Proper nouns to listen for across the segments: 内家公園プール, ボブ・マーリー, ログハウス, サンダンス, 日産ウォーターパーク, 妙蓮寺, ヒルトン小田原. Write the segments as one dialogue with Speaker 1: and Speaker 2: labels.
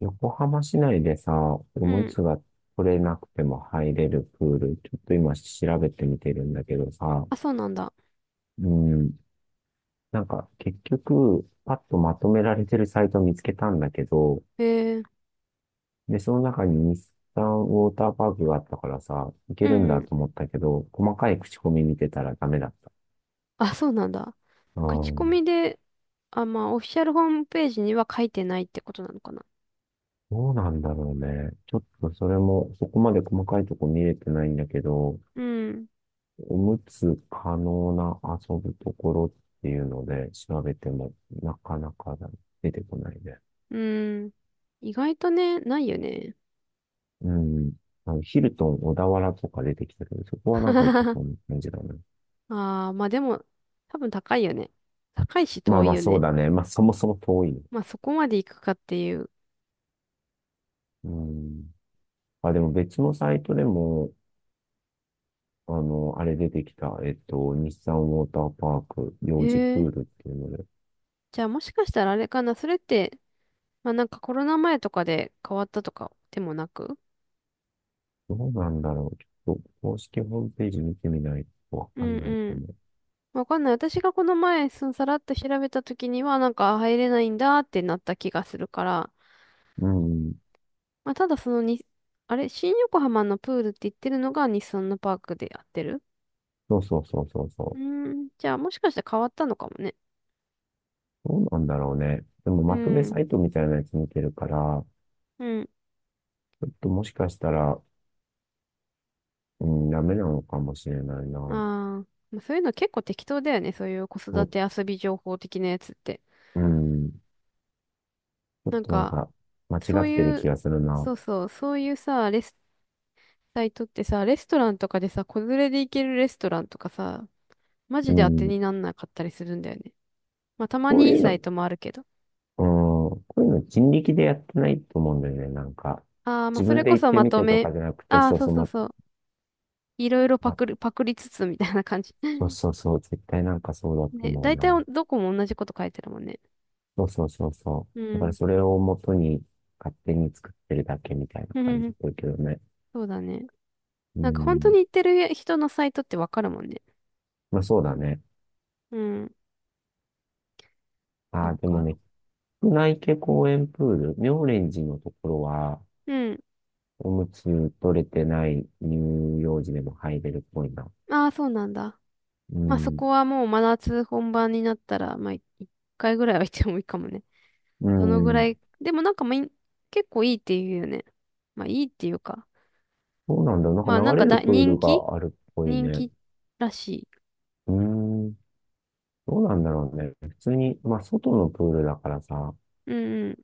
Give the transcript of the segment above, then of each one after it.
Speaker 1: 横浜市内でさ、お
Speaker 2: う
Speaker 1: む
Speaker 2: ん。
Speaker 1: つが取れなくても入れるプール、ちょっと今調べてみてるんだけどさ。
Speaker 2: あ、そうなんだ。
Speaker 1: うん。なんか結局、パッとまとめられてるサイト見つけたんだけど、
Speaker 2: へえ。
Speaker 1: で、その中に日産ウォーターパークがあったからさ、い
Speaker 2: う
Speaker 1: けるん
Speaker 2: んう
Speaker 1: だ
Speaker 2: ん。
Speaker 1: と思ったけど、細かい口コミ見てたらダメだった。
Speaker 2: あ、そうなんだ。
Speaker 1: う
Speaker 2: 口コ
Speaker 1: ん。
Speaker 2: ミで、あ、まあ、オフィシャルホームページには書いてないってことなのかな。
Speaker 1: どうなんだろうね。ちょっとそれも、そこまで細かいとこ見れてないんだけど、
Speaker 2: うん。
Speaker 1: おむつ可能な遊ぶところっていうので調べてもなかなか出てこないね。
Speaker 2: うん。意外とね、ないよね。
Speaker 1: うん。あのヒルトン小田原とか出てきたけど、そこはなんか行けそうな感じだね。
Speaker 2: ああ、まあでも、多分高いよね。高いし
Speaker 1: まあ
Speaker 2: 遠い
Speaker 1: まあ
Speaker 2: よ
Speaker 1: そう
Speaker 2: ね。
Speaker 1: だね。まあそもそも遠いね。
Speaker 2: まあそこまで行くかっていう。
Speaker 1: うん。あ、でも別のサイトでも、あれ出てきた、日産ウォーターパーク、幼児
Speaker 2: へ
Speaker 1: プ
Speaker 2: え。
Speaker 1: ールっていうので、
Speaker 2: じゃあもしかしたらあれかな。それって、まあなんかコロナ前とかで変わったとかでもなく。
Speaker 1: どうなんだろう。ちょっと公式ホームページ見てみないとわ
Speaker 2: う
Speaker 1: かんないか
Speaker 2: ん、
Speaker 1: も。
Speaker 2: わかんない。私がこの前、さらっと調べた時には、なんか入れないんだってなった気がするから、
Speaker 1: うん。
Speaker 2: まあ、ただそのに、あれ、新横浜のプールって言ってるのが日産のパークでやってる。
Speaker 1: そうそうそうそう
Speaker 2: う
Speaker 1: そ
Speaker 2: ー
Speaker 1: う。
Speaker 2: ん、じゃあもしかして変わったのかもね。
Speaker 1: どうなんだろうね。でも
Speaker 2: う
Speaker 1: まとめ
Speaker 2: ん、
Speaker 1: サイトみたいなやつ見てるから、
Speaker 2: うん、
Speaker 1: ちょっともしかしたら、うん、ダメなのかもしれないな。
Speaker 2: ああ、まあそういうの結構適当だよね。そういう子育
Speaker 1: お、
Speaker 2: て遊び情報的なやつって。
Speaker 1: うん、ちょっ
Speaker 2: なん
Speaker 1: となん
Speaker 2: か、
Speaker 1: か、間
Speaker 2: そ
Speaker 1: 違
Speaker 2: う
Speaker 1: ってる
Speaker 2: い
Speaker 1: 気
Speaker 2: う、
Speaker 1: がするな。
Speaker 2: そうそう、そういうさ、レス、サイトってさ、レストランとかでさ、子連れで行けるレストランとかさ、マ
Speaker 1: う
Speaker 2: ジで当て
Speaker 1: ん、
Speaker 2: になんなかったりするんだよね。まあ、たま
Speaker 1: こう
Speaker 2: にい
Speaker 1: い
Speaker 2: い
Speaker 1: う
Speaker 2: サ
Speaker 1: の、う
Speaker 2: イ
Speaker 1: ん、
Speaker 2: トもあるけど。
Speaker 1: こういうの人力でやってないと思うんだよね。なんか、
Speaker 2: ああ、まあ、
Speaker 1: 自
Speaker 2: そ
Speaker 1: 分
Speaker 2: れ
Speaker 1: で
Speaker 2: こ
Speaker 1: 行っ
Speaker 2: そ
Speaker 1: て
Speaker 2: ま
Speaker 1: み
Speaker 2: と
Speaker 1: てと
Speaker 2: め。
Speaker 1: かじゃなくて、
Speaker 2: ああ、
Speaker 1: そう
Speaker 2: そう
Speaker 1: そう、
Speaker 2: そうそう。いろいろパ
Speaker 1: ま、
Speaker 2: クる、パクりつつみたいな感じ。
Speaker 1: そう そうそう、絶対なんかそうだと
Speaker 2: ね、
Speaker 1: 思う
Speaker 2: 大体
Speaker 1: な。
Speaker 2: おどこも同じこと書いてるもんね。
Speaker 1: そうそうそうそ
Speaker 2: う
Speaker 1: う。だから
Speaker 2: ん。
Speaker 1: それを元に勝手に作ってるだけみたい な
Speaker 2: ふふ
Speaker 1: 感じ
Speaker 2: ふ、
Speaker 1: だけどね。
Speaker 2: そうだね。
Speaker 1: う
Speaker 2: なんか本当
Speaker 1: ん。
Speaker 2: に言ってる人のサイトってわかるもんね。
Speaker 1: まあそうだね。
Speaker 2: うん。そ
Speaker 1: あ
Speaker 2: う
Speaker 1: あ、でも
Speaker 2: か。
Speaker 1: ね、内家公園プール、妙蓮寺のところは、
Speaker 2: うん。
Speaker 1: おむつ取れてない乳幼児でも入れるっぽいな。
Speaker 2: ああ、そうなんだ。
Speaker 1: う
Speaker 2: まあそ
Speaker 1: ん。
Speaker 2: こはもう真夏本番になったら、まあい一回ぐらいは行ってもいいかもね。
Speaker 1: う
Speaker 2: どのぐら
Speaker 1: ん。
Speaker 2: い。でもなんかまあい結構いいって言うよね。まあいいっていうか。
Speaker 1: そうなんだ。なんか
Speaker 2: まあなん
Speaker 1: 流れ
Speaker 2: か
Speaker 1: る
Speaker 2: だ
Speaker 1: プー
Speaker 2: 人
Speaker 1: ル
Speaker 2: 気
Speaker 1: があるっぽい
Speaker 2: 人
Speaker 1: ね。
Speaker 2: 気らしい。
Speaker 1: うん。どうなんだろうね。普通に、まあ外のプールだからさ、
Speaker 2: うんうん。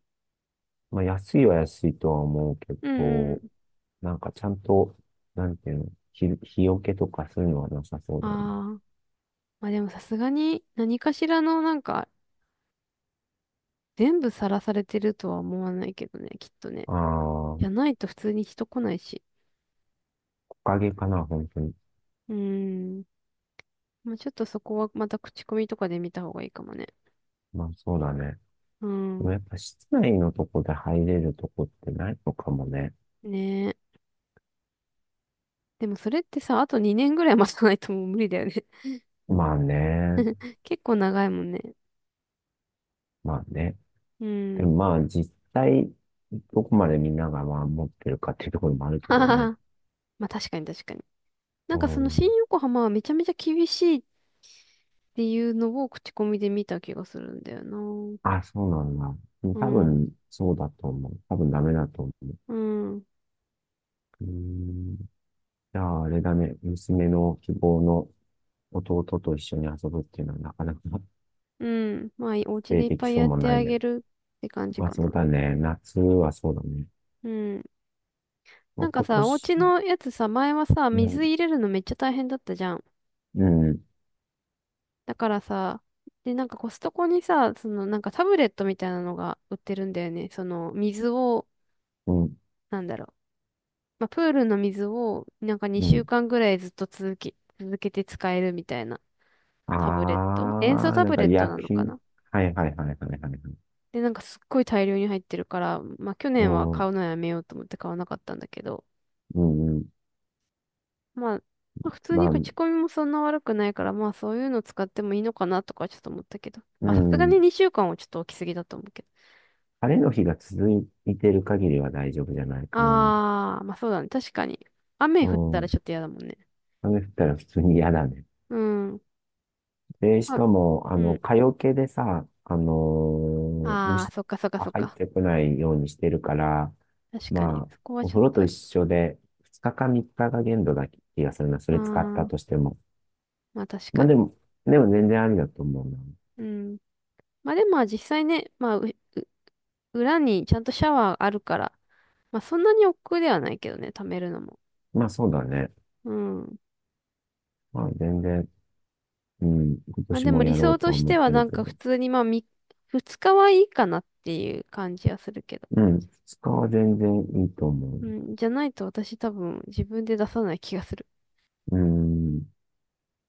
Speaker 1: まあ安いは安いとは思うけ
Speaker 2: うんうん。
Speaker 1: ど、なんかちゃんと、なんていうの、日よけとかそういうのはなさそう
Speaker 2: あ
Speaker 1: だよね。
Speaker 2: あ。まあでもさすがに何かしらのなんか、全部さらされてるとは思わないけどね、きっとね。
Speaker 1: あ
Speaker 2: じゃ
Speaker 1: あ、
Speaker 2: ないと普通に人来ないし。
Speaker 1: 木陰かな、本当に。
Speaker 2: うーん。まあちょっとそこはまた口コミとかで見た方がいいかもね。
Speaker 1: まあそうだね。
Speaker 2: う
Speaker 1: でも
Speaker 2: ん。
Speaker 1: やっぱ室内のとこで入れるとこってないのかもね。
Speaker 2: ねえ。でもそれってさ、あと2年ぐらい待たないともう無理だよね。
Speaker 1: まあね。
Speaker 2: 結構長いもんね。
Speaker 1: まあね。
Speaker 2: う
Speaker 1: で
Speaker 2: ん。
Speaker 1: もまあ実際、どこまでみんながまあ持ってるかっていうところもある け
Speaker 2: は
Speaker 1: ど
Speaker 2: は
Speaker 1: ね。
Speaker 2: は。まあ確かに確かに。なん
Speaker 1: う
Speaker 2: かその新
Speaker 1: ん。
Speaker 2: 横浜はめちゃめちゃ厳しいっていうのを口コミで見た気がするんだよな。う
Speaker 1: あ、そうなんだ。多
Speaker 2: ん、
Speaker 1: 分、そうだと思う。多分ダメだと思う。
Speaker 2: うん、
Speaker 1: うーん。じゃあ、あれだね。娘の希望の弟と一緒に遊ぶっていうのはなかなか発
Speaker 2: うん。まあ、お家
Speaker 1: 生
Speaker 2: でいっ
Speaker 1: で
Speaker 2: ぱ
Speaker 1: き
Speaker 2: い
Speaker 1: そう
Speaker 2: やっ
Speaker 1: も
Speaker 2: て
Speaker 1: ない
Speaker 2: あ
Speaker 1: ね。
Speaker 2: げるって感じ
Speaker 1: まあ
Speaker 2: か
Speaker 1: そう
Speaker 2: な。
Speaker 1: だね。夏はそうだね。
Speaker 2: うん。
Speaker 1: ま
Speaker 2: な
Speaker 1: あ、
Speaker 2: んか
Speaker 1: 今
Speaker 2: さ、お
Speaker 1: 年、
Speaker 2: 家のやつさ、前はさ、
Speaker 1: うん、
Speaker 2: 水入れるのめっちゃ大変だったじゃん。
Speaker 1: うん、
Speaker 2: だからさ、で、なんかコストコにさ、そのなんかタブレットみたいなのが売ってるんだよね。その水を、
Speaker 1: うん、
Speaker 2: なんだろう。まあ、プールの水をなんか
Speaker 1: う
Speaker 2: 2週
Speaker 1: ん。
Speaker 2: 間ぐらいずっと続けて使えるみたいなタブレット。塩
Speaker 1: あ
Speaker 2: 素
Speaker 1: あ、
Speaker 2: タ
Speaker 1: なん
Speaker 2: ブ
Speaker 1: か
Speaker 2: レットな
Speaker 1: 薬
Speaker 2: のか
Speaker 1: 品。
Speaker 2: な。
Speaker 1: はいはいはいはいはいはい。
Speaker 2: で、なんかすっごい大量に入ってるから、まあ去
Speaker 1: う
Speaker 2: 年は買
Speaker 1: ん、
Speaker 2: うのやめようと思って買わなかったんだけど、
Speaker 1: うん、うん。
Speaker 2: まあ、まあ普通
Speaker 1: ま
Speaker 2: に
Speaker 1: あ、う
Speaker 2: 口コミもそんな悪くないから、まあそういうの使ってもいいのかなとかちょっと思ったけど、まあさすが
Speaker 1: ん。
Speaker 2: に2週間はちょっと置きすぎだと思うけど。
Speaker 1: 晴れの日が続いてる限りは大丈夫じゃないかな。
Speaker 2: あー、まあそうだね。確かに。
Speaker 1: う
Speaker 2: 雨降ったら
Speaker 1: ん。
Speaker 2: ちょっと嫌だもんね。
Speaker 1: 雨降ったら普通に嫌だね。
Speaker 2: うん。
Speaker 1: で、し
Speaker 2: まあ、
Speaker 1: かも、
Speaker 2: うん。
Speaker 1: 蚊よけでさ、
Speaker 2: あ
Speaker 1: 虫、
Speaker 2: ー、そっかそっか
Speaker 1: あ
Speaker 2: そっ
Speaker 1: 入っ
Speaker 2: か。
Speaker 1: てこないようにしてるから、
Speaker 2: 確か
Speaker 1: ま
Speaker 2: に。
Speaker 1: あ、
Speaker 2: そこは
Speaker 1: お
Speaker 2: ちょっ
Speaker 1: 風呂
Speaker 2: と、
Speaker 1: と
Speaker 2: あ
Speaker 1: 一緒で、2日か3日が限度だ気がするな。それ使った
Speaker 2: ー、
Speaker 1: としても。
Speaker 2: まあ確か
Speaker 1: まあで
Speaker 2: に。
Speaker 1: も、でも全然ありだと思うな。
Speaker 2: うん。まあでもまあ実際ね、まあう裏にちゃんとシャワーあるから、まあそんなに億劫ではないけどね、貯めるのも。
Speaker 1: まあそうだね。
Speaker 2: うん。
Speaker 1: まあ全然、うん、今
Speaker 2: まあ
Speaker 1: 年
Speaker 2: でも
Speaker 1: も
Speaker 2: 理
Speaker 1: やろう
Speaker 2: 想
Speaker 1: と
Speaker 2: と
Speaker 1: は
Speaker 2: し
Speaker 1: 思っ
Speaker 2: ては
Speaker 1: て
Speaker 2: な
Speaker 1: る
Speaker 2: ん
Speaker 1: け
Speaker 2: か
Speaker 1: ど。
Speaker 2: 普通にまあみ2日はいいかなっていう感じはするけど。
Speaker 1: うん、2日は全然いいと思う。
Speaker 2: うん。じゃないと私多分自分で出さない気がする。
Speaker 1: うん。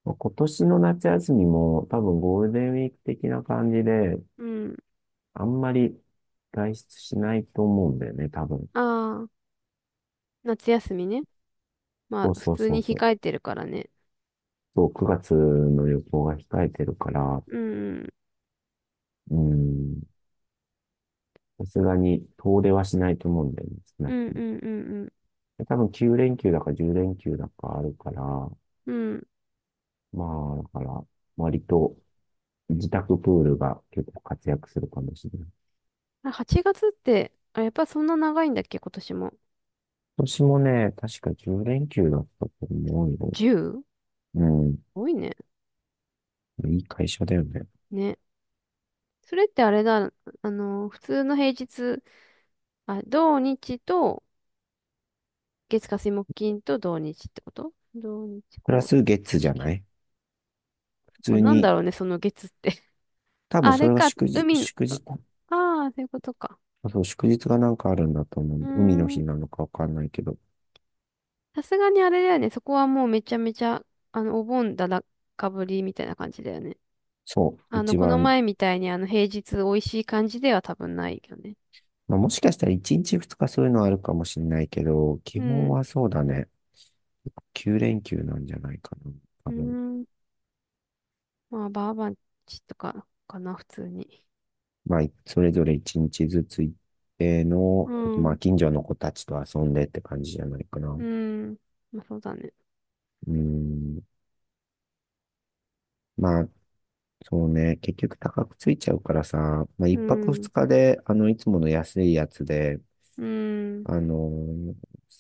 Speaker 1: まあ今年の夏休みも多分ゴールデンウィーク的な感じで、
Speaker 2: うん。
Speaker 1: あんまり外出しないと思うんだよね、多分。
Speaker 2: ああ、夏休みね。ま
Speaker 1: そう
Speaker 2: あ普
Speaker 1: そう
Speaker 2: 通
Speaker 1: そ
Speaker 2: に
Speaker 1: うそう。
Speaker 2: 控えてるからね。
Speaker 1: そう、9月の旅行が控えてるから、
Speaker 2: うん。
Speaker 1: うん、さすがに遠出はしないと思うんだよね、少な
Speaker 2: う
Speaker 1: く
Speaker 2: んうん
Speaker 1: とも。
Speaker 2: うん、
Speaker 1: で多分9連休だか10連休だかあるから、ま
Speaker 2: うん。うん。
Speaker 1: あ、だから、割と自宅プールが結構活躍するかもしれない。
Speaker 2: あ、8月って、あ、やっぱそんな長いんだっけ、今年も。
Speaker 1: 今年もね、確か10連休だったと思うよ。
Speaker 2: 10?
Speaker 1: うん。
Speaker 2: 多いね。
Speaker 1: いい会社だよね。
Speaker 2: ね。それってあれだ、あの、普通の平日、あ、土日と月火水木金と土日ってこと、土日
Speaker 1: プ
Speaker 2: 5、
Speaker 1: ラ
Speaker 2: 6、
Speaker 1: ス月じ
Speaker 2: 8、
Speaker 1: ゃ
Speaker 2: 9。
Speaker 1: ない普
Speaker 2: こ
Speaker 1: 通
Speaker 2: れなんだ
Speaker 1: に、
Speaker 2: ろうね、その月って。
Speaker 1: 多分
Speaker 2: あ
Speaker 1: そ
Speaker 2: れ
Speaker 1: れが
Speaker 2: か、
Speaker 1: 祝日、
Speaker 2: 海の、
Speaker 1: 祝日、
Speaker 2: ああー、そういうことか。
Speaker 1: あそう、祝日がなんかあるんだと思
Speaker 2: うー
Speaker 1: う。海の日
Speaker 2: ん。
Speaker 1: なのかわかんないけど。
Speaker 2: さすがにあれだよね、そこはもうめちゃめちゃ、あの、お盆かぶりみたいな感じだよね。
Speaker 1: そう、
Speaker 2: あの、
Speaker 1: 一
Speaker 2: この
Speaker 1: 番、
Speaker 2: 前みたいにあの、平日美味しい感じでは多分ないよね。
Speaker 1: まあ、もしかしたら1日2日そういうのあるかもしれないけど、
Speaker 2: う
Speaker 1: 基本
Speaker 2: ん。
Speaker 1: はそうだね。9連休なんじゃないかな。
Speaker 2: う
Speaker 1: 多
Speaker 2: ー
Speaker 1: 分。
Speaker 2: ん。まあ、バーバンチとかかな、普通に。
Speaker 1: まあ、それぞれ一日ずつ行って
Speaker 2: う
Speaker 1: の、あとま
Speaker 2: ん。
Speaker 1: あ、近所の子たちと遊んでって感じじゃないかな。
Speaker 2: う
Speaker 1: う
Speaker 2: ん。まあ、そうだね。
Speaker 1: ん。まあ、そうね。結局高くついちゃうからさ、まあ、一
Speaker 2: う
Speaker 1: 泊
Speaker 2: ん。
Speaker 1: 二日で、いつもの安いやつで、
Speaker 2: うん。
Speaker 1: あのー、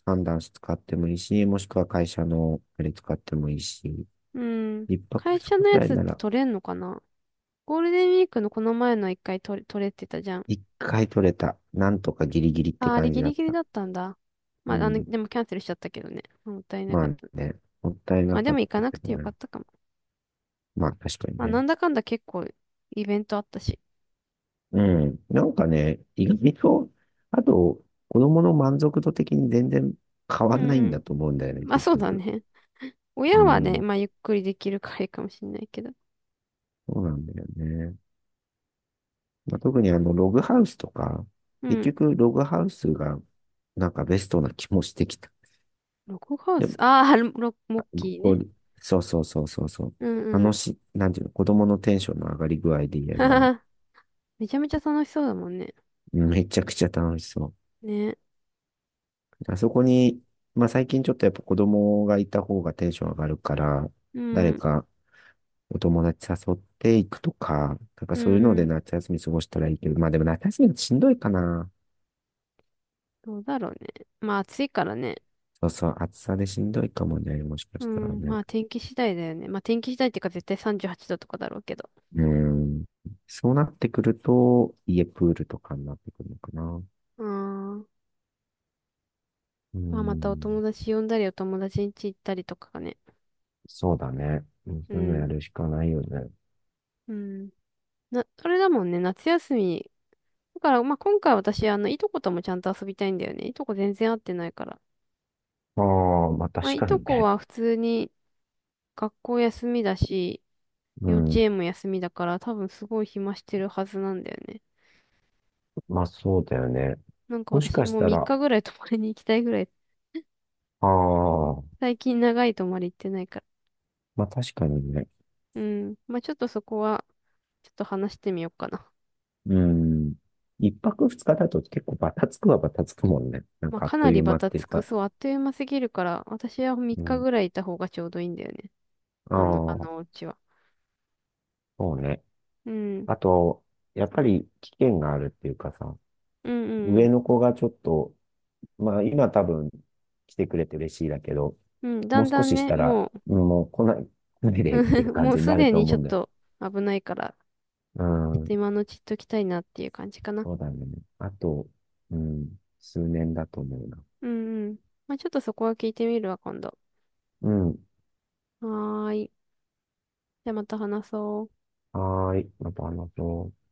Speaker 1: サンダンス使ってもいいし、もしくは会社のあれ使ってもいいし、
Speaker 2: うん。
Speaker 1: 一泊
Speaker 2: 会
Speaker 1: 二
Speaker 2: 社
Speaker 1: 日く
Speaker 2: のや
Speaker 1: らい
Speaker 2: つっ
Speaker 1: な
Speaker 2: て
Speaker 1: ら、
Speaker 2: 取れんのかな、ゴールデンウィークのこの前の一回取れ、取れてたじゃん。
Speaker 1: 一回取れた。なんとかギリギリって
Speaker 2: あ、あれ
Speaker 1: 感じ
Speaker 2: ギ
Speaker 1: だ
Speaker 2: リ
Speaker 1: っ
Speaker 2: ギリ
Speaker 1: た。
Speaker 2: だったんだ。
Speaker 1: う
Speaker 2: まあ、あの、
Speaker 1: ん。
Speaker 2: でもキャンセルしちゃったけどね。もったいな
Speaker 1: ま
Speaker 2: か
Speaker 1: あ
Speaker 2: った。
Speaker 1: ね、もったい
Speaker 2: ま
Speaker 1: な
Speaker 2: あ、で
Speaker 1: か
Speaker 2: も
Speaker 1: っ
Speaker 2: 行か
Speaker 1: た
Speaker 2: な
Speaker 1: け
Speaker 2: く
Speaker 1: ど
Speaker 2: てよか
Speaker 1: ね。
Speaker 2: ったかも。
Speaker 1: まあ確かに
Speaker 2: まあ、
Speaker 1: ね。
Speaker 2: なんだかんだ結構イベントあったし。
Speaker 1: うん。なんかね、意外と、あと、子供の満足度的に全然変わ
Speaker 2: う
Speaker 1: ん
Speaker 2: ん
Speaker 1: ないん
Speaker 2: うん。
Speaker 1: だと思うんだよね、
Speaker 2: まあ、
Speaker 1: 結
Speaker 2: そうだ
Speaker 1: 局。
Speaker 2: ね。
Speaker 1: う
Speaker 2: 親はね、
Speaker 1: ん。
Speaker 2: まあ、ゆっくりできるからいいかもしんないけど。
Speaker 1: そうなんだよね。まあ、特にログハウスとか、
Speaker 2: う
Speaker 1: 結
Speaker 2: ん。
Speaker 1: 局、ログハウスが、なんかベストな気もしてきた。
Speaker 2: ログハウ
Speaker 1: で
Speaker 2: ス。
Speaker 1: も、
Speaker 2: ああ、ロモ
Speaker 1: あ
Speaker 2: ッキー
Speaker 1: こ
Speaker 2: ね。
Speaker 1: う、そうそうそうそうそう。
Speaker 2: うんうん。
Speaker 1: 楽し い、なんていうの、子供のテンションの上がり具合で言え
Speaker 2: は、は
Speaker 1: ば、
Speaker 2: は、めちゃめちゃ楽しそうだもんね。
Speaker 1: うんめちゃくちゃ楽しそ
Speaker 2: ね。
Speaker 1: う。あそこに、まあ最近ちょっとやっぱ子供がいた方がテンション上がるから、
Speaker 2: う
Speaker 1: 誰
Speaker 2: ん。
Speaker 1: か、お友達誘っていくとか、なんか
Speaker 2: う
Speaker 1: そう
Speaker 2: ん
Speaker 1: いうの
Speaker 2: う
Speaker 1: で
Speaker 2: ん。
Speaker 1: 夏休み過ごしたらいいけど、まあでも夏休みだとしんどいかな。
Speaker 2: どうだろうね。まあ暑いからね。
Speaker 1: そうそう、暑さでしんどいかもね、もしか
Speaker 2: う
Speaker 1: したら
Speaker 2: ん。ま
Speaker 1: ね。
Speaker 2: あ天気次第だよね。まあ天気次第っていうか絶対38度とかだろうけど。
Speaker 1: うん。そうなってくると、家プールとかになってくるのかな。
Speaker 2: あん。
Speaker 1: う
Speaker 2: まあまたお
Speaker 1: ん。
Speaker 2: 友達呼んだりお友達ん家行ったりとかがね。
Speaker 1: そうだね。うん
Speaker 2: う
Speaker 1: そういうのや
Speaker 2: ん。
Speaker 1: るしかないよね。
Speaker 2: うん。な、それだもんね。夏休み。だから、まあ今回私、あの、いとこともちゃんと遊びたいんだよね。いとこ全然会ってないから。
Speaker 1: ああ、まあ
Speaker 2: まあ
Speaker 1: 確
Speaker 2: い
Speaker 1: か
Speaker 2: と
Speaker 1: に
Speaker 2: こ
Speaker 1: ね。
Speaker 2: は普通に学校休みだし、
Speaker 1: う
Speaker 2: 幼
Speaker 1: ん。
Speaker 2: 稚園も休みだから多分すごい暇してるはずなんだよね。
Speaker 1: まあそうだよね。
Speaker 2: なんか
Speaker 1: もし
Speaker 2: 私
Speaker 1: かし
Speaker 2: もう
Speaker 1: た
Speaker 2: 3
Speaker 1: ら、
Speaker 2: 日ぐらい泊まりに行きたいぐらい、
Speaker 1: ああ、
Speaker 2: 最近長い泊まり行ってないか
Speaker 1: まあ確かにね、
Speaker 2: ら。うん。まあちょっとそこは、ちょっと話してみようかな。
Speaker 1: うん。一泊二日だと結構バタつくはバタつくもんね。なん
Speaker 2: まあ
Speaker 1: かあっ
Speaker 2: か
Speaker 1: と
Speaker 2: な
Speaker 1: い
Speaker 2: り
Speaker 1: う
Speaker 2: バ
Speaker 1: 間っ
Speaker 2: タ
Speaker 1: ていう
Speaker 2: つく。
Speaker 1: か。
Speaker 2: そう、あっという間すぎるから、私は3
Speaker 1: う
Speaker 2: 日
Speaker 1: ん。
Speaker 2: ぐらいいた方がちょうどいいんだよね。
Speaker 1: あ
Speaker 2: あの、あ
Speaker 1: あ、
Speaker 2: のお家は。
Speaker 1: そうね。
Speaker 2: うん。
Speaker 1: あと、やっぱり危険があるっていうかさ、
Speaker 2: うんう
Speaker 1: 上
Speaker 2: ん
Speaker 1: の子がちょっと、まあ今多分来てくれて嬉しいだけど、
Speaker 2: うん。うん、だ
Speaker 1: もう
Speaker 2: ん
Speaker 1: 少
Speaker 2: だん
Speaker 1: しし
Speaker 2: ね、
Speaker 1: たら、
Speaker 2: も
Speaker 1: うんもう来ないで
Speaker 2: う。
Speaker 1: っていう 感
Speaker 2: もう
Speaker 1: じに
Speaker 2: す
Speaker 1: なる
Speaker 2: で
Speaker 1: と
Speaker 2: に
Speaker 1: 思
Speaker 2: ちょ
Speaker 1: う
Speaker 2: っ
Speaker 1: んだよ。
Speaker 2: と危ないから、
Speaker 1: う
Speaker 2: ちょっ
Speaker 1: ん。
Speaker 2: と今のうち行っときたいなっていう感じかな。
Speaker 1: そうだね。あと、うん、数年だと思うな。
Speaker 2: うんうん。まあちょっとそこは聞いてみるわ、今度。
Speaker 1: うん。
Speaker 2: はーい。じゃあまた話そう。
Speaker 1: はーい。また話そう。